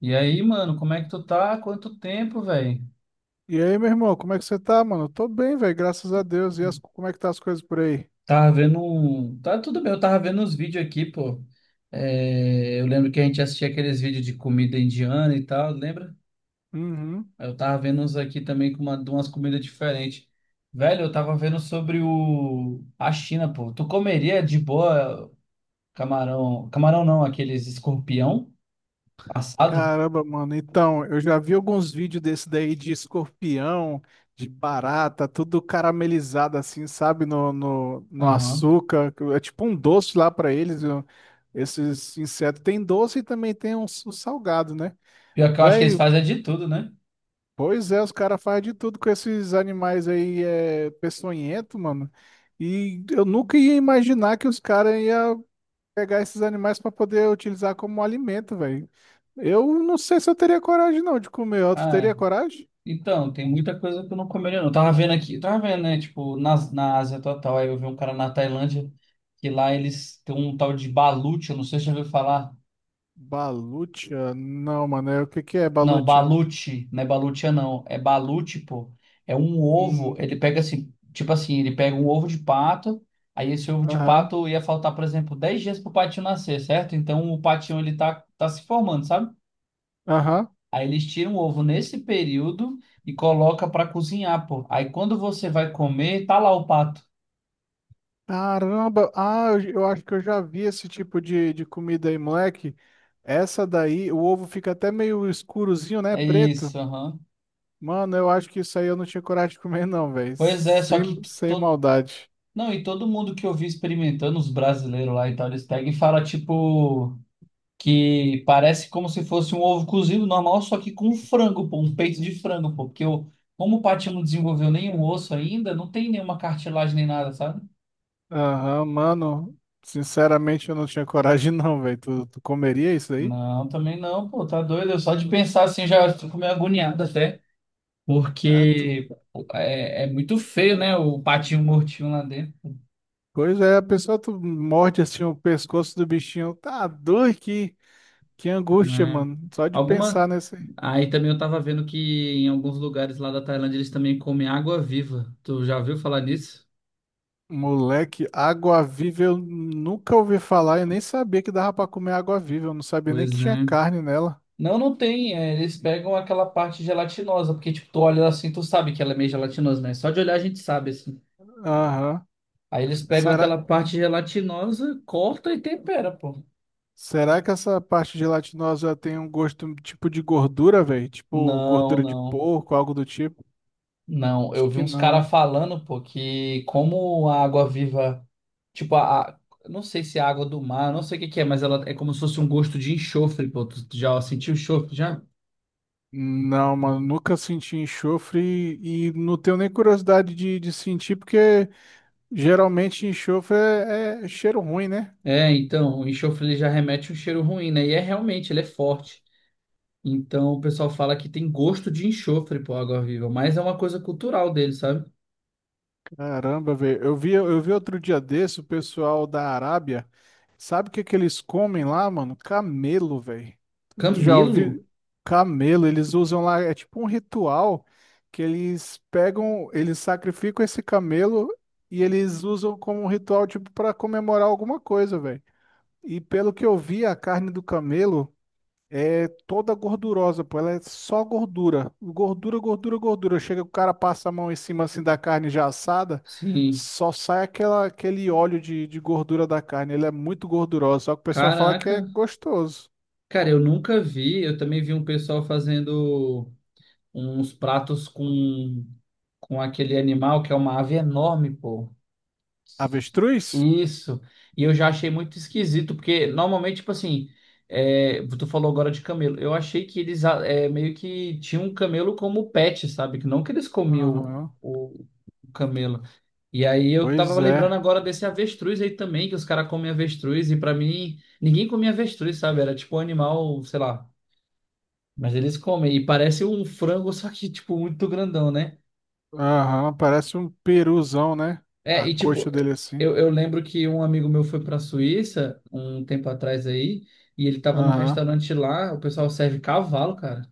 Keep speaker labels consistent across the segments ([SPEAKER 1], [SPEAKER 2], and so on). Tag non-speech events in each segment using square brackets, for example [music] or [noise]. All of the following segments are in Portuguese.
[SPEAKER 1] E aí, mano, como é que tu tá? Quanto tempo, velho?
[SPEAKER 2] E aí, meu irmão, como é que você tá, mano? Tô bem, velho, graças a Deus. E as- como é que tá as coisas por aí?
[SPEAKER 1] Tá tudo bem, eu tava vendo uns vídeos aqui, pô. É, eu lembro que a gente assistia aqueles vídeos de comida indiana e tal, lembra?
[SPEAKER 2] Uhum.
[SPEAKER 1] Aí eu tava vendo uns aqui também com de umas comidas diferentes. Velho, eu tava vendo sobre a China, pô. Tu comeria de boa camarão. Camarão não, aqueles escorpião assado?
[SPEAKER 2] Caramba, mano. Então, eu já vi alguns vídeos desse daí de escorpião, de barata, tudo caramelizado assim, sabe? No
[SPEAKER 1] Aham.
[SPEAKER 2] açúcar. É tipo um doce lá pra eles. Esses insetos. Tem doce e também tem uns, os salgado, né?
[SPEAKER 1] Pior que eu acho que eles
[SPEAKER 2] Velho,
[SPEAKER 1] fazem é de tudo, né?
[SPEAKER 2] pois é, os caras fazem de tudo com esses animais aí, é, peçonhento, mano. E eu nunca ia imaginar que os caras iam pegar esses animais para poder utilizar como alimento, velho. Eu não sei se eu teria coragem não de comer. Ó, tu
[SPEAKER 1] Ah,
[SPEAKER 2] teria coragem?
[SPEAKER 1] então, tem muita coisa que eu não comeria, não. Eu tava vendo aqui, eu tava vendo, né? Tipo, na Ásia total, aí eu vi um cara na Tailândia, que lá eles têm um tal de balut, eu não sei se você já ouviu falar.
[SPEAKER 2] Balutia? Não, mano. O que que é
[SPEAKER 1] Não,
[SPEAKER 2] balutia?
[SPEAKER 1] balut, não é balutia, não. É balut, pô. É um ovo,
[SPEAKER 2] Hum.
[SPEAKER 1] ele pega assim, tipo assim, ele pega um ovo de pato, aí esse ovo de
[SPEAKER 2] Aham.
[SPEAKER 1] pato ia faltar, por exemplo, 10 dias pro patinho nascer, certo? Então o patinho, ele tá se formando, sabe?
[SPEAKER 2] Aham.
[SPEAKER 1] Aí eles tiram o ovo nesse período e coloca para cozinhar, pô. Aí quando você vai comer, tá lá o pato.
[SPEAKER 2] Caramba. Ah, eu acho que eu já vi esse tipo de comida aí, moleque. Essa daí, o ovo fica até meio escurozinho, né?
[SPEAKER 1] É
[SPEAKER 2] Preto.
[SPEAKER 1] isso, aham.
[SPEAKER 2] Mano, eu acho que isso aí eu não tinha coragem de comer não, velho.
[SPEAKER 1] Pois é, só
[SPEAKER 2] Sem,
[SPEAKER 1] que
[SPEAKER 2] sem
[SPEAKER 1] todo...
[SPEAKER 2] maldade.
[SPEAKER 1] Não, e todo mundo que eu vi experimentando, os brasileiros lá e tal, eles pegam e falam, tipo, que parece como se fosse um ovo cozido normal, só que com frango, pô, um peito de frango, pô. Porque eu, como o patinho não desenvolveu nenhum osso ainda, não tem nenhuma cartilagem nem nada, sabe?
[SPEAKER 2] Aham, mano, sinceramente eu não tinha coragem [laughs] não, velho. Tu comeria isso aí?
[SPEAKER 1] Não, também não, pô, tá doido. Eu só de pensar assim já fico meio agoniado até.
[SPEAKER 2] Ah, du-
[SPEAKER 1] Porque é muito feio, né? O patinho mortinho lá dentro.
[SPEAKER 2] Coisa é, a pessoa tu morde assim o pescoço do bichinho. Tá doido, que angústia,
[SPEAKER 1] Né?
[SPEAKER 2] mano. Só de
[SPEAKER 1] Alguma.
[SPEAKER 2] pensar nesse
[SPEAKER 1] Aí também eu tava vendo que em alguns lugares lá da Tailândia eles também comem água viva. Tu já ouviu falar nisso?
[SPEAKER 2] moleque, água-viva eu nunca ouvi falar. Eu nem sabia que dava pra comer água-viva. Eu não sabia nem que
[SPEAKER 1] Pois
[SPEAKER 2] tinha
[SPEAKER 1] é.
[SPEAKER 2] carne nela.
[SPEAKER 1] Não, não tem. Eles pegam aquela parte gelatinosa, porque tipo, tu olha assim, tu sabe que ela é meio gelatinosa, né? Só de olhar a gente sabe, assim.
[SPEAKER 2] Aham.
[SPEAKER 1] Aí eles pegam
[SPEAKER 2] Será,
[SPEAKER 1] aquela parte gelatinosa, corta e tempera, pô.
[SPEAKER 2] será que essa parte gelatinosa tem um gosto tipo de gordura, velho? Tipo
[SPEAKER 1] Não,
[SPEAKER 2] gordura de
[SPEAKER 1] não.
[SPEAKER 2] porco, algo do tipo?
[SPEAKER 1] Não,
[SPEAKER 2] Acho
[SPEAKER 1] eu vi
[SPEAKER 2] que
[SPEAKER 1] uns
[SPEAKER 2] não,
[SPEAKER 1] caras
[SPEAKER 2] né?
[SPEAKER 1] falando, pô, que como a água viva. Tipo, não sei se é água do mar, não sei o que que é, mas ela é como se fosse um gosto de enxofre, pô. Tu já sentiu enxofre? Já?
[SPEAKER 2] Não, mano, nunca senti enxofre e não tenho nem curiosidade de sentir, porque geralmente enxofre é, é cheiro ruim, né?
[SPEAKER 1] É, então, o enxofre ele já remete um cheiro ruim, né? E é realmente, ele é forte. Então, o pessoal fala que tem gosto de enxofre, pô, água-viva, mas é uma coisa cultural dele, sabe?
[SPEAKER 2] Caramba, velho. Eu vi outro dia desse o pessoal da Arábia. Sabe o que que eles comem lá, mano? Camelo, velho. Tu já
[SPEAKER 1] Camelo?
[SPEAKER 2] ouviu? Camelo, eles usam lá, é tipo um ritual que eles pegam, eles sacrificam esse camelo e eles usam como um ritual, tipo, para comemorar alguma coisa, velho. E pelo que eu vi, a carne do camelo é toda gordurosa, pô. Ela é só gordura. Gordura, gordura, gordura. Chega, o cara passa a mão em cima assim da carne já assada,
[SPEAKER 1] Sim.
[SPEAKER 2] só sai aquela, aquele óleo de gordura da carne. Ela é muito gordurosa, só que o pessoal fala que
[SPEAKER 1] Caraca.
[SPEAKER 2] é gostoso.
[SPEAKER 1] Cara, eu nunca vi. Eu também vi um pessoal fazendo uns pratos com aquele animal que é uma ave enorme, pô.
[SPEAKER 2] Avestruz?
[SPEAKER 1] Isso. E eu já achei muito esquisito, porque normalmente, tipo assim, tu falou agora de camelo. Eu achei que eles meio que tinham um camelo como pet, sabe? Que não que eles comiam
[SPEAKER 2] Aham.
[SPEAKER 1] o camelo. E aí eu tava
[SPEAKER 2] Pois
[SPEAKER 1] lembrando
[SPEAKER 2] é.
[SPEAKER 1] agora desse avestruz aí também, que os caras comem avestruz, e pra mim, ninguém comia avestruz, sabe? Era tipo um animal, sei lá. Mas eles comem. E parece um frango, [laughs] só que, tipo, muito grandão, né?
[SPEAKER 2] Aham, parece um peruzão, né?
[SPEAKER 1] É,
[SPEAKER 2] A
[SPEAKER 1] e tipo,
[SPEAKER 2] coxa dele assim.
[SPEAKER 1] eu lembro que um amigo meu foi pra Suíça um tempo atrás aí, e ele tava num
[SPEAKER 2] Aham.
[SPEAKER 1] restaurante lá, o pessoal serve cavalo, cara.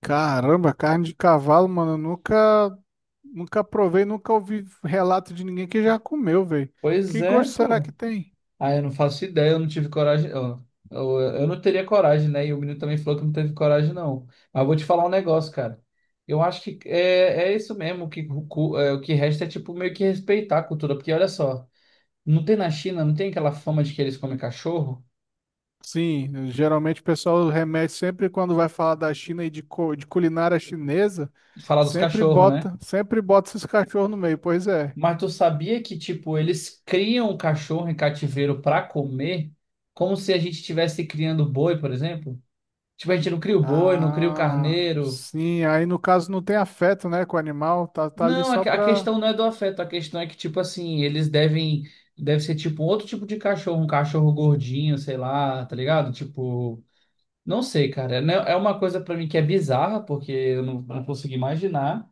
[SPEAKER 2] Caramba, carne de cavalo, mano, eu nunca, nunca provei, nunca ouvi relato de ninguém que já comeu, velho.
[SPEAKER 1] Pois
[SPEAKER 2] Que
[SPEAKER 1] é,
[SPEAKER 2] gosto será
[SPEAKER 1] pô.
[SPEAKER 2] que tem?
[SPEAKER 1] Ah, eu não faço ideia, eu não tive coragem. Ó, eu não teria coragem, né? E o menino também falou que não teve coragem, não. Mas eu vou te falar um negócio, cara. Eu acho que é isso mesmo, o que resta é tipo meio que respeitar a cultura, porque olha só, não tem na China, não tem aquela fama de que eles comem cachorro?
[SPEAKER 2] Sim, geralmente o pessoal remete sempre quando vai falar da China e de, de culinária chinesa,
[SPEAKER 1] Falar dos cachorros, né?
[SPEAKER 2] sempre bota esses cachorros no meio, pois é.
[SPEAKER 1] Mas tu sabia que, tipo, eles criam o cachorro em cativeiro para comer, como se a gente estivesse criando boi, por exemplo? Tipo, a gente não cria o boi, não cria o
[SPEAKER 2] Ah,
[SPEAKER 1] carneiro.
[SPEAKER 2] sim, aí no caso não tem afeto, né, com o animal, tá, tá ali
[SPEAKER 1] Não, a
[SPEAKER 2] só
[SPEAKER 1] que- a
[SPEAKER 2] pra,
[SPEAKER 1] questão não é do afeto, a questão é que, tipo assim, eles devem, deve ser tipo um outro tipo de cachorro, um cachorro gordinho, sei lá, tá ligado? Tipo, não sei, cara. É né, é uma coisa para mim que é bizarra, porque eu não consigo imaginar.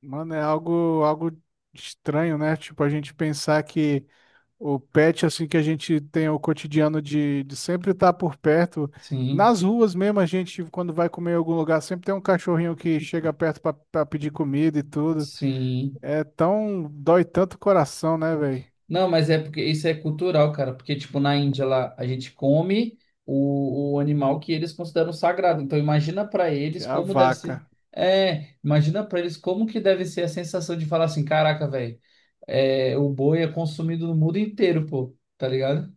[SPEAKER 2] mano, é algo, algo estranho, né? Tipo, a gente pensar que o pet, assim, que a gente tem o cotidiano de sempre estar por perto.
[SPEAKER 1] Sim,
[SPEAKER 2] Nas ruas mesmo, a gente, quando vai comer em algum lugar, sempre tem um cachorrinho que chega perto para pedir comida e tudo.
[SPEAKER 1] sim.
[SPEAKER 2] É tão. Dói tanto o coração, né, velho?
[SPEAKER 1] Não, mas é porque isso é cultural, cara. Porque, tipo, na Índia lá, a gente come o animal que eles consideram sagrado. Então, imagina pra
[SPEAKER 2] Que
[SPEAKER 1] eles
[SPEAKER 2] a
[SPEAKER 1] como deve ser.
[SPEAKER 2] vaca.
[SPEAKER 1] É, imagina pra eles como que deve ser a sensação de falar assim: caraca, velho, o boi é consumido no mundo inteiro, pô, tá ligado?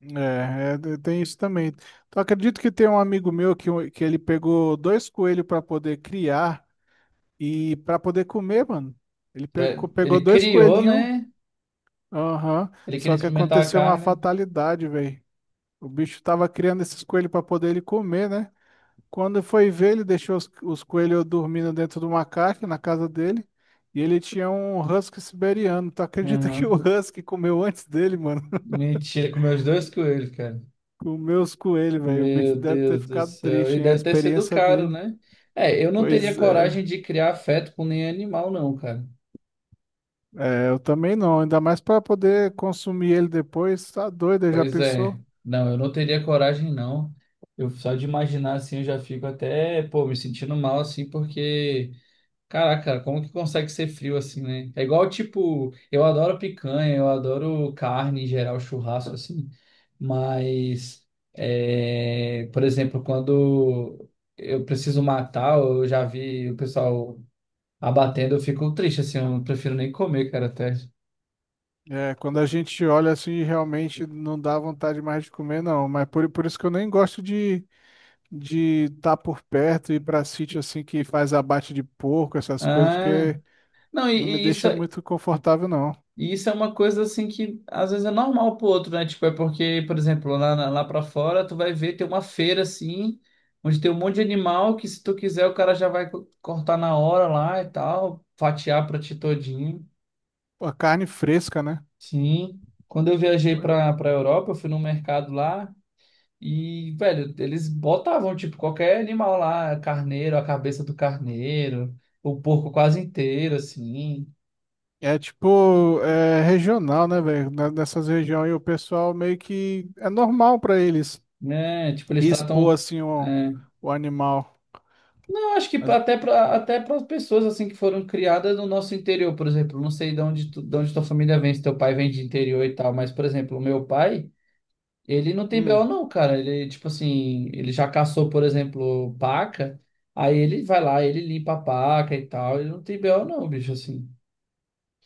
[SPEAKER 2] É, tem isso também. Então, acredito que tem um amigo meu que, que ele pegou dois coelhos para poder criar e para poder comer, mano. Ele
[SPEAKER 1] Tá-
[SPEAKER 2] pegou, pegou
[SPEAKER 1] Ele
[SPEAKER 2] dois
[SPEAKER 1] criou,
[SPEAKER 2] coelhinhos.
[SPEAKER 1] né?
[SPEAKER 2] Aham.
[SPEAKER 1] Ele queria
[SPEAKER 2] Só que
[SPEAKER 1] experimentar a
[SPEAKER 2] aconteceu uma
[SPEAKER 1] carne.
[SPEAKER 2] fatalidade, velho. O bicho tava criando esses coelhos para poder ele comer, né? Quando foi ver, ele deixou os coelhos dormindo dentro de uma caixa na casa dele. E ele tinha um husky siberiano. Tu acredita que o
[SPEAKER 1] Uhum.
[SPEAKER 2] husky comeu antes dele, mano? [laughs]
[SPEAKER 1] Mentira, comeu os dois coelhos, cara.
[SPEAKER 2] Comeu os coelhos, velho. O bicho
[SPEAKER 1] Meu
[SPEAKER 2] deve ter
[SPEAKER 1] Deus do
[SPEAKER 2] ficado
[SPEAKER 1] céu. E
[SPEAKER 2] triste, hein? A
[SPEAKER 1] deve ter sido
[SPEAKER 2] experiência
[SPEAKER 1] caro,
[SPEAKER 2] dele.
[SPEAKER 1] né? É, eu não teria
[SPEAKER 2] Pois
[SPEAKER 1] coragem
[SPEAKER 2] é.
[SPEAKER 1] de criar afeto com nenhum animal, não, cara.
[SPEAKER 2] É, eu também não. Ainda mais para poder consumir ele depois. Tá doido, já
[SPEAKER 1] Pois é.
[SPEAKER 2] pensou?
[SPEAKER 1] Não, eu não teria coragem, não. Eu só de imaginar assim, eu já fico até, pô, me sentindo mal assim, porque, caraca, cara, como que consegue ser frio assim, né? É igual, tipo, eu adoro picanha, eu adoro carne em geral, churrasco assim, mas, por exemplo, quando eu preciso matar, eu já vi o pessoal abatendo, eu fico triste, assim, eu não prefiro nem comer, cara, até.
[SPEAKER 2] É, quando a gente olha assim, realmente não dá vontade mais de comer, não. Mas por isso que eu nem gosto de estar por perto e ir para sítio assim que faz abate de porco, essas coisas,
[SPEAKER 1] Ah,
[SPEAKER 2] porque
[SPEAKER 1] não,
[SPEAKER 2] não me
[SPEAKER 1] e isso,
[SPEAKER 2] deixa
[SPEAKER 1] é-
[SPEAKER 2] muito confortável, não.
[SPEAKER 1] e isso é uma coisa, assim, que às vezes é normal pro outro, né? Tipo, é porque, por exemplo, lá, lá pra fora, tu vai ver, tem uma feira, assim, onde tem um monte de animal que, se tu quiser, o cara já vai cortar na hora lá e tal, fatiar pra ti todinho.
[SPEAKER 2] Pô, a carne fresca, né?
[SPEAKER 1] Sim. Quando eu viajei
[SPEAKER 2] Pô, é.
[SPEAKER 1] pra Europa, eu fui num mercado lá. E, velho, eles botavam, tipo, qualquer animal lá, carneiro, a cabeça do carneiro, o porco quase inteiro, assim,
[SPEAKER 2] É tipo, é regional, né, velho? Nessas regiões aí o pessoal meio que é normal pra eles
[SPEAKER 1] né? Tipo, eles
[SPEAKER 2] e expor
[SPEAKER 1] tratam.
[SPEAKER 2] assim
[SPEAKER 1] é,
[SPEAKER 2] o animal.
[SPEAKER 1] Eu acho que pra-
[SPEAKER 2] Mas,
[SPEAKER 1] até para até para as pessoas, assim, que foram criadas no nosso interior, por exemplo, não sei de onde, de onde tua família vem, se teu pai vem de interior e tal, mas, por exemplo, o meu pai, ele não tem BO,
[SPEAKER 2] hum,
[SPEAKER 1] não, cara. Ele, tipo assim, ele já caçou, por exemplo, paca, aí ele vai lá, ele limpa a paca e tal, ele não tem BO, não, bicho, assim,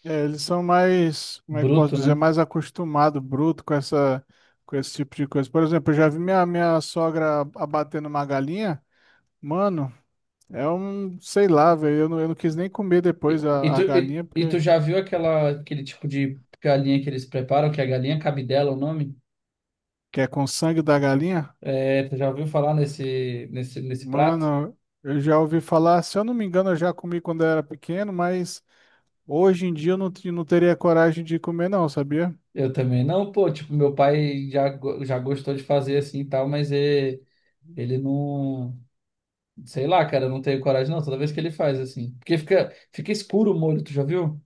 [SPEAKER 2] é, eles são mais, como é que eu posso
[SPEAKER 1] bruto,
[SPEAKER 2] dizer,
[SPEAKER 1] né?
[SPEAKER 2] mais acostumado, bruto com essa, com esse tipo de coisa. Por exemplo, eu já vi minha, minha sogra abatendo uma galinha. Mano, é um, sei lá, velho. Eu não quis nem comer
[SPEAKER 1] E,
[SPEAKER 2] depois
[SPEAKER 1] e tu,
[SPEAKER 2] a
[SPEAKER 1] e,
[SPEAKER 2] galinha,
[SPEAKER 1] e tu
[SPEAKER 2] porque
[SPEAKER 1] já viu aquela, aquele tipo de galinha que eles preparam, que é a galinha cabidela, o nome?
[SPEAKER 2] que é com sangue da galinha.
[SPEAKER 1] É, tu já ouviu falar nesse prato?
[SPEAKER 2] Mano, eu já ouvi falar, se eu não me engano, eu já comi quando eu era pequeno, mas hoje em dia eu não, não teria coragem de comer, não, sabia?
[SPEAKER 1] Eu também não, pô, tipo, meu pai já gostou de fazer assim e tal, mas ele não, sei lá, cara, eu não tenho coragem não, toda vez que ele faz assim. Porque fica escuro o molho, tu já viu?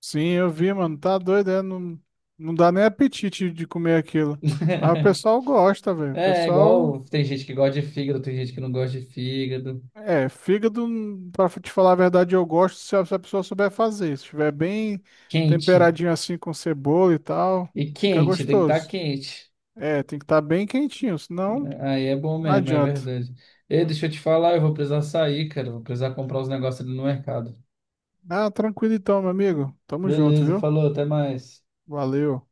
[SPEAKER 2] Sim, eu vi, mano. Tá doido, é? Não, não dá nem apetite de comer aquilo. Mas o
[SPEAKER 1] [laughs]
[SPEAKER 2] pessoal gosta, velho. O
[SPEAKER 1] É,
[SPEAKER 2] pessoal.
[SPEAKER 1] igual tem gente que gosta de fígado, tem gente que não gosta de fígado.
[SPEAKER 2] É, fígado, pra te falar a verdade, eu gosto se a, se a pessoa souber fazer. Se estiver bem
[SPEAKER 1] Quente.
[SPEAKER 2] temperadinho assim com cebola e tal,
[SPEAKER 1] E
[SPEAKER 2] fica
[SPEAKER 1] quente, tem que estar
[SPEAKER 2] gostoso.
[SPEAKER 1] quente.
[SPEAKER 2] É, tem que estar bem quentinho, senão
[SPEAKER 1] Aí é bom
[SPEAKER 2] não
[SPEAKER 1] mesmo, é
[SPEAKER 2] adianta.
[SPEAKER 1] verdade. Ei, deixa eu te falar, eu vou precisar sair, cara. Vou precisar comprar os negócios ali no mercado.
[SPEAKER 2] Ah, tranquilo então, meu amigo. Tamo junto,
[SPEAKER 1] Beleza,
[SPEAKER 2] viu?
[SPEAKER 1] falou, até mais.
[SPEAKER 2] Valeu.